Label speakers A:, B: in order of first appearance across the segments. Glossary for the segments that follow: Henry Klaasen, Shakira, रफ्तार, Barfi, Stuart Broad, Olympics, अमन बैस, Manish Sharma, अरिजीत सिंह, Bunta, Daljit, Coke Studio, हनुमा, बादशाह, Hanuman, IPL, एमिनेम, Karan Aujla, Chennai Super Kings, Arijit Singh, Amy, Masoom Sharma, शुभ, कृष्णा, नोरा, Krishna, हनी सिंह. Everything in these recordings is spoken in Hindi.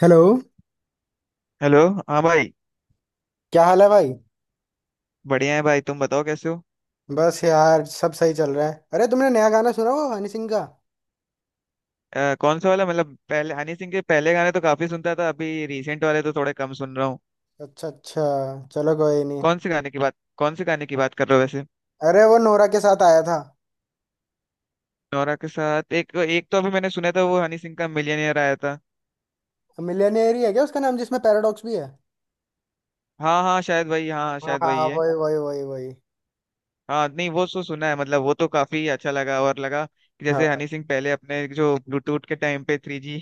A: हेलो।
B: हेलो। हाँ भाई।
A: क्या हाल है भाई?
B: बढ़िया है भाई, तुम बताओ कैसे हो।
A: बस यार, सब सही चल रहा है। अरे तुमने नया गाना सुना, वो हनी सिंह का?
B: कौन सा वाला? मतलब पहले हनी सिंह के पहले गाने तो काफी सुनता था, अभी रिसेंट वाले तो थोड़े कम सुन रहा हूँ।
A: अच्छा अच्छा, चलो कोई नहीं।
B: कौन से गाने की बात कर रहे हो वैसे?
A: अरे वो नोरा के साथ आया था।
B: नोरा के साथ? एक एक तो अभी मैंने सुना था वो हनी सिंह का मिलियनेयर आया था।
A: मिलियनेयर ही है क्या उसका नाम, जिसमें पैराडॉक्स भी है?
B: हाँ हाँ, शायद वही, हाँ हाँ,
A: हाँ
B: शायद
A: हाँ,
B: वही है।
A: वही वही।
B: हाँ नहीं, वो तो सुना है। मतलब वो तो काफी अच्छा लगा और लगा कि
A: हाँ
B: जैसे हनी सिंह पहले अपने जो ब्लूटूथ के टाइम पे 3G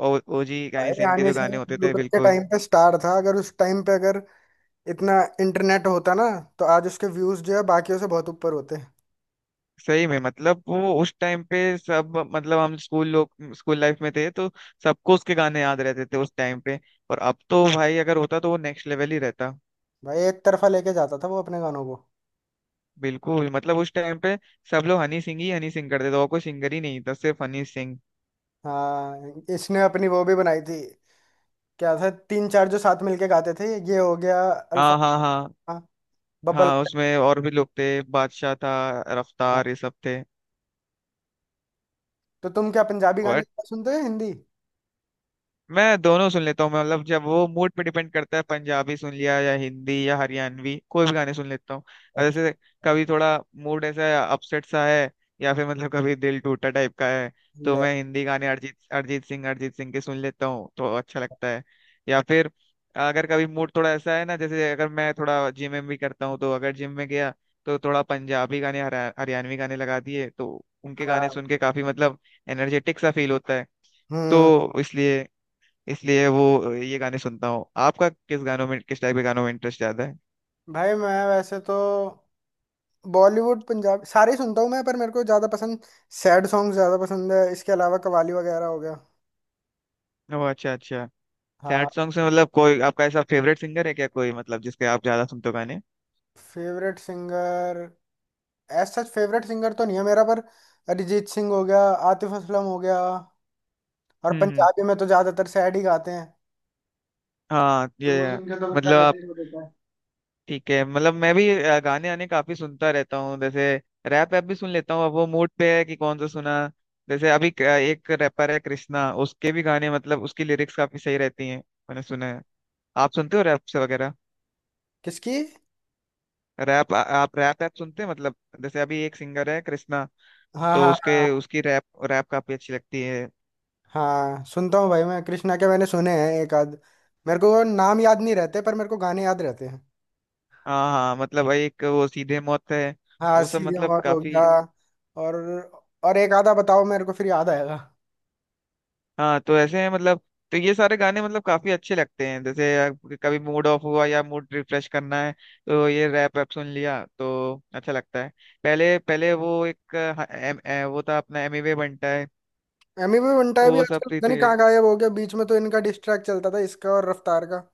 B: और OG हनी
A: भाई,
B: सिंह के
A: आने
B: जो
A: से
B: गाने होते थे
A: यूट्यूब के
B: बिल्कुल।
A: टाइम पे स्टार था। अगर उस टाइम पे अगर इतना इंटरनेट होता ना, तो आज उसके व्यूज जो है बाकियों से बहुत ऊपर होते।
B: सही में मतलब वो उस टाइम पे सब, मतलब हम स्कूल लोग, स्कूल लाइफ में थे तो सबको उसके गाने याद रहते थे उस टाइम पे। और अब तो भाई अगर होता तो वो नेक्स्ट लेवल ही रहता।
A: भाई एक तरफा लेके जाता था वो अपने गानों को।
B: बिल्कुल मतलब उस टाइम पे सब लोग हनी सिंह ही हनी सिंह करते थे और कोई सिंगर ही नहीं था, सिर्फ हनी सिंह।
A: हाँ, इसने अपनी वो भी बनाई थी। क्या था, तीन चार जो साथ मिलके गाते थे। ये हो गया अल्फा,
B: हाँ हाँ हाँ।
A: हाँ, बब्बल।
B: हाँ उसमें और भी लोग थे, बादशाह था,
A: हाँ।
B: रफ्तार, ये सब थे।
A: तो तुम क्या पंजाबी गाने ज्यादा सुनते हो या हिंदी?
B: मैं दोनों सुन लेता हूँ। मैं मतलब जब, वो मूड पे डिपेंड करता है, पंजाबी सुन लिया या हिंदी या हरियाणवी, कोई भी गाने सुन लेता हूँ। और
A: अच्छा।
B: जैसे कभी थोड़ा मूड ऐसा अपसेट सा है या फिर मतलब कभी दिल टूटा टाइप का है तो
A: ले।
B: मैं हिंदी गाने अरिजीत अरिजीत सिंह के सुन लेता हूँ तो अच्छा लगता है। या फिर अगर कभी मूड थोड़ा ऐसा है ना, जैसे अगर मैं थोड़ा जिम में भी करता हूँ तो, अगर जिम में गया तो थोड़ा पंजाबी गाने, हरियाणवी गाने लगा दिए तो उनके गाने
A: हाँ।
B: सुन के काफी मतलब एनर्जेटिक सा फील होता है।
A: हम्म।
B: तो इसलिए, वो ये गाने सुनता हूँ। आपका किस गानों में, किस टाइप के गानों में इंटरेस्ट ज्यादा है?
A: भाई मैं वैसे तो बॉलीवुड पंजाब सारे ही सुनता हूँ मैं, पर मेरे को ज्यादा पसंद सैड सॉन्ग ज्यादा पसंद है। इसके अलावा कवाली वगैरह हो गया।
B: ओ अच्छा अच्छा।
A: हाँ।
B: सैड सॉन्ग्स में मतलब कोई आपका ऐसा फेवरेट सिंगर है क्या कोई, मतलब जिसके आप ज्यादा सुनते हो गाने?
A: Favourite singer, as such favourite singer तो नहीं है मेरा, पर अरिजीत सिंह हो गया, आतिफ असलम हो गया। और
B: हम्म।
A: पंजाबी में तो ज्यादातर सैड ही गाते हैं,
B: हाँ
A: तो वो
B: ये,
A: सुन के तो बंदा
B: मतलब
A: वैसे
B: आप,
A: ही रो देता है।
B: ठीक है। मतलब मैं भी गाने आने काफी सुनता रहता हूँ, जैसे रैप ऐप भी सुन लेता हूँ, अब वो मूड पे है कि कौन सा सुना। जैसे अभी एक रैपर है कृष्णा, उसके भी गाने, मतलब उसकी लिरिक्स काफी सही रहती हैं। मैंने सुना है, आप सुनते हो रैप से वगैरह?
A: किसकी?
B: आप रैप ऐप सुनते हैं मतलब? जैसे अभी एक सिंगर है कृष्णा,
A: हाँ
B: तो
A: हाँ
B: उसके,
A: हाँ।
B: उसकी रैप, रैप काफी अच्छी लगती है।
A: हाँ सुनता हूँ भाई, मैं कृष्णा के मैंने सुने हैं एक आध। मेरे को वो नाम याद नहीं रहते पर मेरे को गाने याद रहते हैं।
B: हाँ हाँ, मतलब भाई एक वो सीधे मौत है,
A: हाँ,
B: वो सब
A: सीधे
B: मतलब
A: मौत हो
B: काफी।
A: गया। और और एक आधा बताओ, मेरे को फिर याद आएगा।
B: हाँ तो ऐसे हैं मतलब, तो ये सारे गाने मतलब काफी अच्छे लगते हैं। जैसे कभी मूड ऑफ हुआ या मूड रिफ्रेश करना है तो ये रैप वैप सुन लिया तो अच्छा लगता है। पहले पहले वो एक वो था अपना एमिवे बनता है।
A: एमी भी बंटा भी
B: वो सब
A: आजकल
B: भी
A: पता नहीं
B: थे।
A: कहाँ गायब हो गया। बीच में तो इनका डिस्ट्रैक्ट चलता था, इसका और रफ्तार का।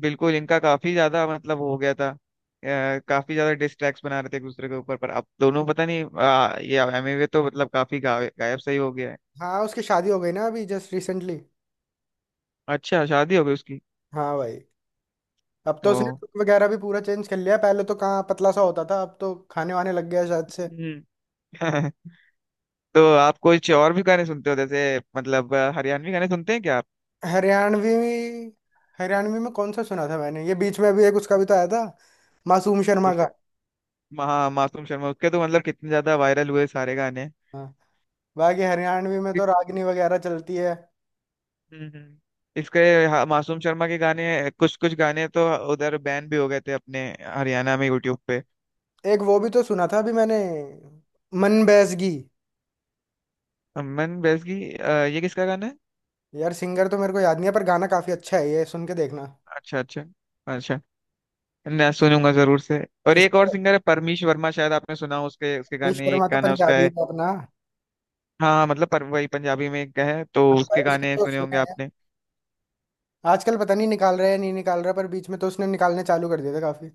B: बिल्कुल इनका काफी ज्यादा मतलब हो गया था, काफी ज्यादा डिस्ट्रैक्ट बना रहे थे एक दूसरे के ऊपर, पर अब दोनों पता नहीं, ये एमवे तो मतलब काफी गायब गायब सही हो गया है।
A: हाँ, उसकी शादी हो गई ना अभी जस्ट रिसेंटली।
B: अच्छा शादी हो गई उसकी?
A: हाँ भाई। अब तो
B: ओ।
A: उसने look वगैरह भी पूरा चेंज कर लिया। पहले तो कहाँ पतला सा होता था, अब तो खाने वाने लग गया शायद से।
B: हम्म। तो आप कुछ और भी गाने सुनते हो, जैसे मतलब हरियाणवी गाने सुनते हैं क्या आप?
A: हरियाणवी? हरियाणवी में कौन सा सुना था मैंने, ये बीच में अभी एक उसका भी तो आया था, मासूम शर्मा का।
B: जिसका? महा मासूम शर्मा, उसके तो मतलब कितने ज्यादा वायरल हुए सारे गाने।
A: हाँ। बाकी हरियाणवी में तो
B: उसके।
A: रागनी वगैरह चलती है।
B: हम्म हम्म। इसके, हाँ, मासूम शर्मा के गाने, कुछ कुछ गाने तो उधर बैन भी हो गए थे अपने हरियाणा में यूट्यूब पे।
A: एक वो भी तो सुना था अभी मैंने, मन बैसगी।
B: अमन बैस की, ये किसका गाना है?
A: यार सिंगर तो मेरे को याद नहीं है, पर गाना काफी अच्छा है, ये सुन के देखना।
B: अच्छा अच्छा। अच्छा, मैं सुनूंगा जरूर से। और
A: इस
B: एक और
A: पर
B: सिंगर है परमीश वर्मा, शायद आपने सुना हो उसके, उसके
A: मनीष
B: गाने, एक
A: शर्मा तो
B: गाना उसका
A: पंजाबी
B: है।
A: है अपना, हाँ।
B: हाँ हाँ, मतलब पर वही, पंजाबी में एक है तो
A: भाई,
B: उसके
A: उसको
B: गाने
A: तो
B: सुने
A: सुना
B: होंगे
A: है।
B: आपने।
A: आजकल पता नहीं निकाल रहा है या नहीं निकाल रहा, पर बीच में तो उसने निकालने चालू कर दिया था काफी।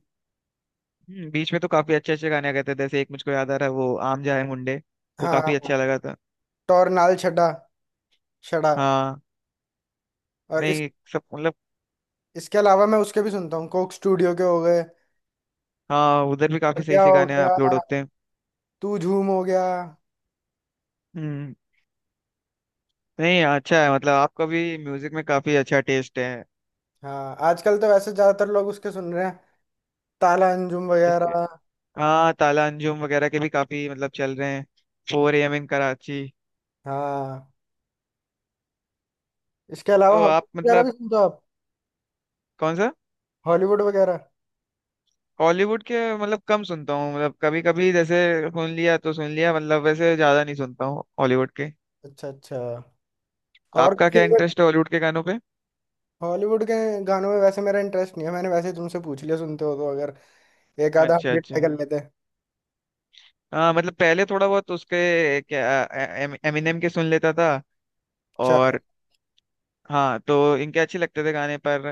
B: बीच में तो काफी अच्छे अच्छे गाने आ गए थे, जैसे एक मुझको याद आ रहा है वो आम जाए मुंडे, वो काफी
A: हाँ,
B: अच्छा लगा था।
A: टोरनाल छड़ा, छड़ा।
B: हाँ।
A: और इस,
B: नहीं सब मतलब।
A: इसके अलावा मैं उसके भी सुनता हूँ, कोक स्टूडियो के हो गए।
B: हाँ उधर भी काफी सही
A: क्या
B: से
A: हो
B: गाने
A: गया,
B: अपलोड होते हैं।
A: तू झूम हो गया।
B: हम्म। नहीं अच्छा है, मतलब आपका भी म्यूजिक में काफी अच्छा टेस्ट
A: हाँ, आजकल तो वैसे ज्यादातर लोग उसके सुन रहे हैं, ताला अंजुम
B: है।
A: वगैरह।
B: हाँ, ताला अंजुम वगैरह के भी काफी मतलब चल रहे हैं। 4 AM in Karachi।
A: हाँ, इसके अलावा
B: तो आप
A: हॉलीवुड वगैरह भी
B: मतलब,
A: सुनते हो आप?
B: कौन सा?
A: हॉलीवुड वगैरह?
B: हॉलीवुड के मतलब कम सुनता हूँ, मतलब कभी कभी जैसे सुन लिया तो सुन लिया, मतलब वैसे ज्यादा नहीं सुनता हूँ हॉलीवुड के।
A: अच्छा अच्छा। और
B: आपका क्या
A: फेवरेट
B: इंटरेस्ट है हॉलीवुड के गानों पे?
A: हॉलीवुड के गानों में वैसे मेरा इंटरेस्ट नहीं है, मैंने वैसे ही तुमसे पूछ लिया। सुनते हो तो अगर एक आधा हम
B: अच्छा
A: भी ट्राई
B: अच्छा।
A: कर लेते हैं।
B: हाँ मतलब पहले थोड़ा बहुत उसके क्या, एमिनेम के सुन लेता था।
A: चल।
B: और हाँ तो इनके अच्छे लगते थे गाने, पर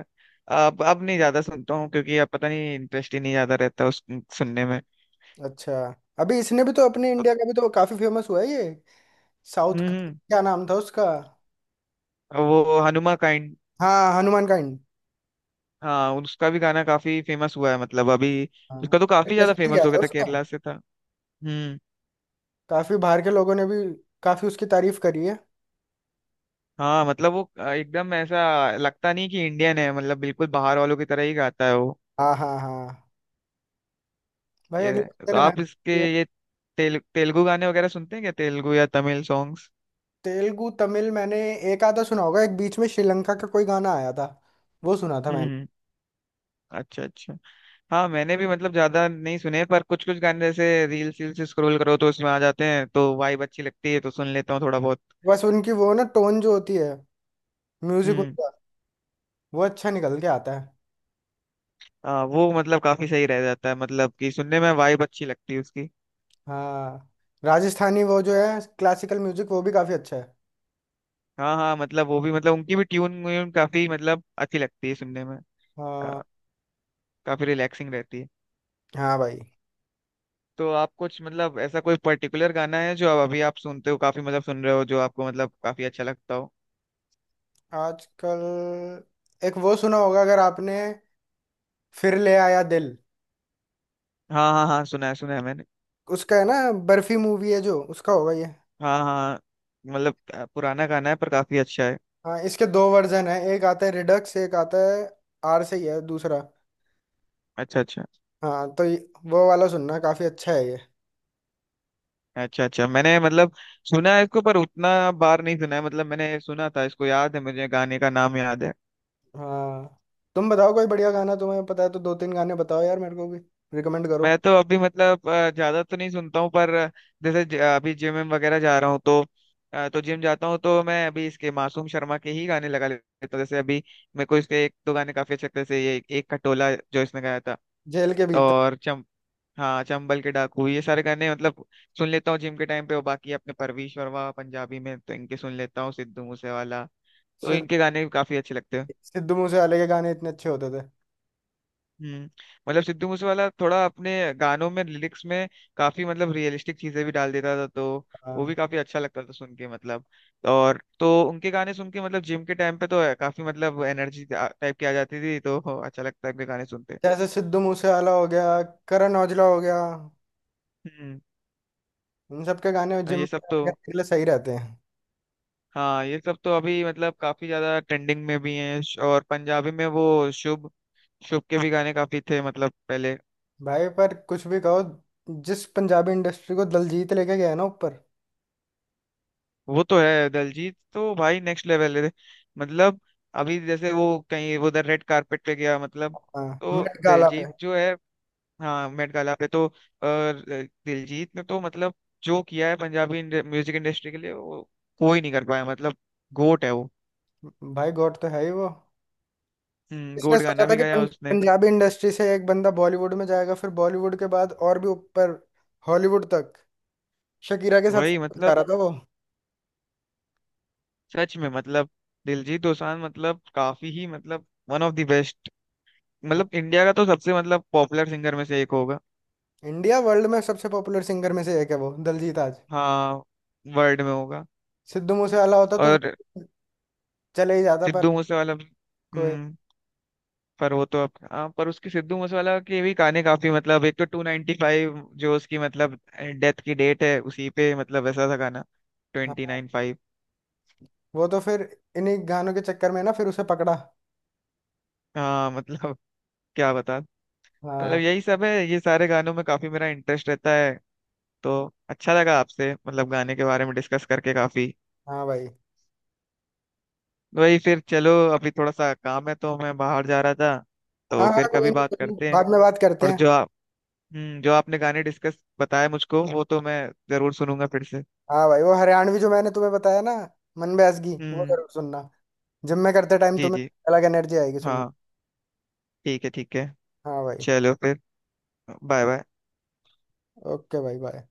B: अब नहीं ज्यादा सुनता हूँ, क्योंकि अब पता नहीं इंटरेस्ट ही नहीं ज्यादा रहता उस सुनने में।
A: अच्छा, अभी इसने भी तो अपने इंडिया का भी तो काफी फेमस हुआ है ये, साउथ का।
B: हम्म।
A: क्या नाम था उसका?
B: वो हनुमा काइंड।
A: हाँ, हनुमान काइंड।
B: हाँ उसका भी गाना काफी फेमस हुआ है मतलब अभी।
A: हाँ,
B: उसका तो काफी ज्यादा
A: इंटरेस्टिंग है
B: फेमस हो गया था,
A: उसका।
B: केरला से था। हम्म।
A: काफी बाहर के लोगों ने भी काफी उसकी तारीफ करी है।
B: हाँ मतलब वो एकदम ऐसा लगता नहीं कि इंडियन है, मतलब बिल्कुल बाहर वालों की तरह ही गाता है वो।
A: हाँ हाँ हाँ। भाई अगले
B: ये
A: हफ्ते
B: तो
A: ने मेहनत
B: आप इसके
A: की है।
B: ये तेलुगु गाने वगैरह सुनते हैं क्या, तेलुगु या तमिल सॉन्ग्स?
A: तेलुगु तमिल मैंने एक आधा सुना होगा। एक बीच में श्रीलंका का कोई गाना आया था, वो सुना था मैंने।
B: हम्म। अच्छा अच्छा। हाँ मैंने भी मतलब ज्यादा नहीं सुने, पर कुछ कुछ गाने जैसे रील्स रील्स स्क्रॉल करो तो उसमें आ जाते हैं, तो वाइब अच्छी लगती है तो सुन लेता हूँ थोड़ा बहुत।
A: बस उनकी वो ना टोन जो होती है, म्यूजिक
B: हम्म।
A: उनका, वो अच्छा निकल के आता है।
B: हाँ वो मतलब काफी सही रह जाता है, मतलब कि सुनने में वाइब अच्छी लगती है उसकी।
A: हाँ, राजस्थानी वो जो है क्लासिकल म्यूजिक वो भी काफी अच्छा है।
B: हाँ हाँ मतलब वो भी, मतलब उनकी भी ट्यून व्यून काफी मतलब अच्छी लगती है सुनने में।
A: हाँ
B: हाँ, काफी रिलैक्सिंग रहती है।
A: हाँ भाई।
B: तो आप कुछ मतलब ऐसा कोई पर्टिकुलर गाना है जो आप अभी आप सुनते हो काफी, मतलब सुन रहे हो, जो आपको मतलब काफी अच्छा लगता हो?
A: आजकल एक वो सुना होगा अगर आपने, फिर ले आया दिल।
B: हाँ हाँ हाँ, सुना है, सुना है मैंने।
A: उसका है ना बर्फी मूवी है, जो उसका होगा ये।
B: हाँ हाँ, मतलब पुराना गाना है पर काफी अच्छा है।
A: हाँ, इसके दो वर्जन है, एक आता है रिडक्स, एक आता है आर से ही है दूसरा।
B: अच्छा अच्छा।
A: हाँ तो वो वाला सुनना काफी अच्छा है ये।
B: अच्छा अच्छा, मैंने मतलब सुना है इसको पर उतना बार नहीं सुना है, मतलब मैंने सुना था इसको, याद है मुझे, गाने का नाम याद है।
A: हाँ, तुम बताओ कोई बढ़िया गाना तुम्हें पता है तो दो तीन गाने बताओ यार, मेरे को भी रिकमेंड करो।
B: मैं तो अभी मतलब ज्यादा तो नहीं सुनता हूँ पर जैसे अभी जिम विम वगैरह जा रहा हूँ तो, तो जिम जाता हूँ तो मैं अभी इसके मासूम शर्मा के ही गाने लगा लेता हूँ, जैसे अभी मेरे को इसके एक दो गाने काफी अच्छे लगते हैं, जैसे ये एक खटोला जो इसने गाया था
A: जेल के भीतर।
B: और चम, हाँ चंबल के डाकू, ये सारे गाने मतलब सुन लेता हूँ जिम के टाइम पे। और बाकी अपने परवीश वर्मा, पंजाबी में तो इनके सुन लेता हूँ, सिद्धू मूसेवाला, तो
A: सिद्ध
B: इनके गाने भी काफी अच्छे लगते हैं।
A: सिद्धू मूसेवाले के गाने इतने अच्छे होते थे।
B: हम्म। मतलब सिद्धू मूसेवाला थोड़ा अपने गानों में, लिरिक्स में काफी मतलब रियलिस्टिक चीजें भी डाल देता था, तो वो भी
A: हाँ,
B: काफी अच्छा लगता था सुन के, मतलब। और तो उनके गाने सुन के मतलब जिम के टाइम पे तो है, काफी मतलब एनर्जी टाइप की आ जाती थी, तो अच्छा लगता है उनके गाने सुनते।
A: जैसे सिद्धू मूसेवाला हो गया, करण औजला हो गया,
B: हम्म।
A: इन सब के गाने जिम
B: ये सब तो,
A: करने के लिए सही रहते हैं।
B: हाँ ये सब तो अभी मतलब काफी ज्यादा ट्रेंडिंग में भी हैं। और पंजाबी में वो शुभ, शुभ के भी गाने काफी थे मतलब पहले।
A: भाई पर कुछ भी कहो, जिस पंजाबी इंडस्ट्री को दलजीत लेके गया है ना ऊपर।
B: वो तो है, दलजीत तो भाई नेक्स्ट लेवल है मतलब, अभी जैसे वो कहीं वो उधर रेड कारपेट पे गया मतलब,
A: हाँ,
B: तो
A: मेट गाला पे।
B: दलजीत जो है। हाँ, मेट गाला पे, तो दिलजीत ने तो मतलब जो किया है पंजाबी म्यूजिक इंडस्ट्री के लिए वो कोई नहीं कर पाया मतलब, गोट है वो।
A: भाई गॉड तो है ही वो।
B: हम्म,
A: इसने
B: गोट
A: सोचा
B: गाना
A: था
B: भी
A: कि
B: गाया उसने।
A: पंजाबी इंडस्ट्री से एक बंदा बॉलीवुड में जाएगा, फिर बॉलीवुड के बाद और भी ऊपर, हॉलीवुड तक, शकीरा के साथ
B: वही
A: जा
B: मतलब,
A: रहा था वो।
B: सच में मतलब दिलजीत दोसांझ मतलब काफी ही मतलब वन ऑफ द बेस्ट,
A: हाँ।
B: मतलब इंडिया का तो सबसे मतलब पॉपुलर सिंगर में से एक होगा।
A: इंडिया वर्ल्ड में सबसे पॉपुलर सिंगर में से एक है वो, दलजीत आज।
B: हाँ, वर्ल्ड में होगा।
A: सिद्धू मूसेवाला होता तो वो
B: और
A: चले ही जाता, पर
B: सिद्धू मूसेवाला भी।
A: कोई।
B: हम्म, पर वो तो अब, हाँ पर उसकी, सिद्धू मूसेवाला के भी गाने काफी, मतलब एक तो 295, जो उसकी मतलब डेथ की डेट है उसी पे, मतलब ऐसा था गाना, ट्वेंटी
A: हाँ
B: नाइन फाइव
A: वो तो फिर इन्हीं गानों के चक्कर में ना फिर उसे पकड़ा।
B: हाँ मतलब क्या बता, मतलब
A: हाँ।
B: यही सब है ये सारे गानों में काफी मेरा इंटरेस्ट रहता है। तो अच्छा लगा आपसे मतलब गाने के बारे में डिस्कस करके काफी।
A: हाँ भाई।
B: वही फिर चलो, अभी थोड़ा सा काम है तो मैं बाहर जा रहा था, तो
A: हाँ हाँ,
B: फिर कभी बात
A: कोई नहीं,
B: करते हैं।
A: बाद में बात करते
B: और
A: हैं।
B: जो, हम्म, जो आपने गाने डिस्कस बताया मुझको, वो तो मैं जरूर सुनूंगा फिर से।
A: हाँ भाई, वो हरियाणवी जो मैंने तुम्हें बताया ना, मन बैसगी, वो
B: हम्म।
A: जरूर सुनना। जिम में करते टाइम
B: जी
A: तुम्हें
B: जी।
A: अलग एनर्जी आएगी सुन के।
B: हाँ ठीक है, ठीक है।
A: हाँ भाई।
B: चलो फिर, बाय बाय।
A: ओके भाई, बाय।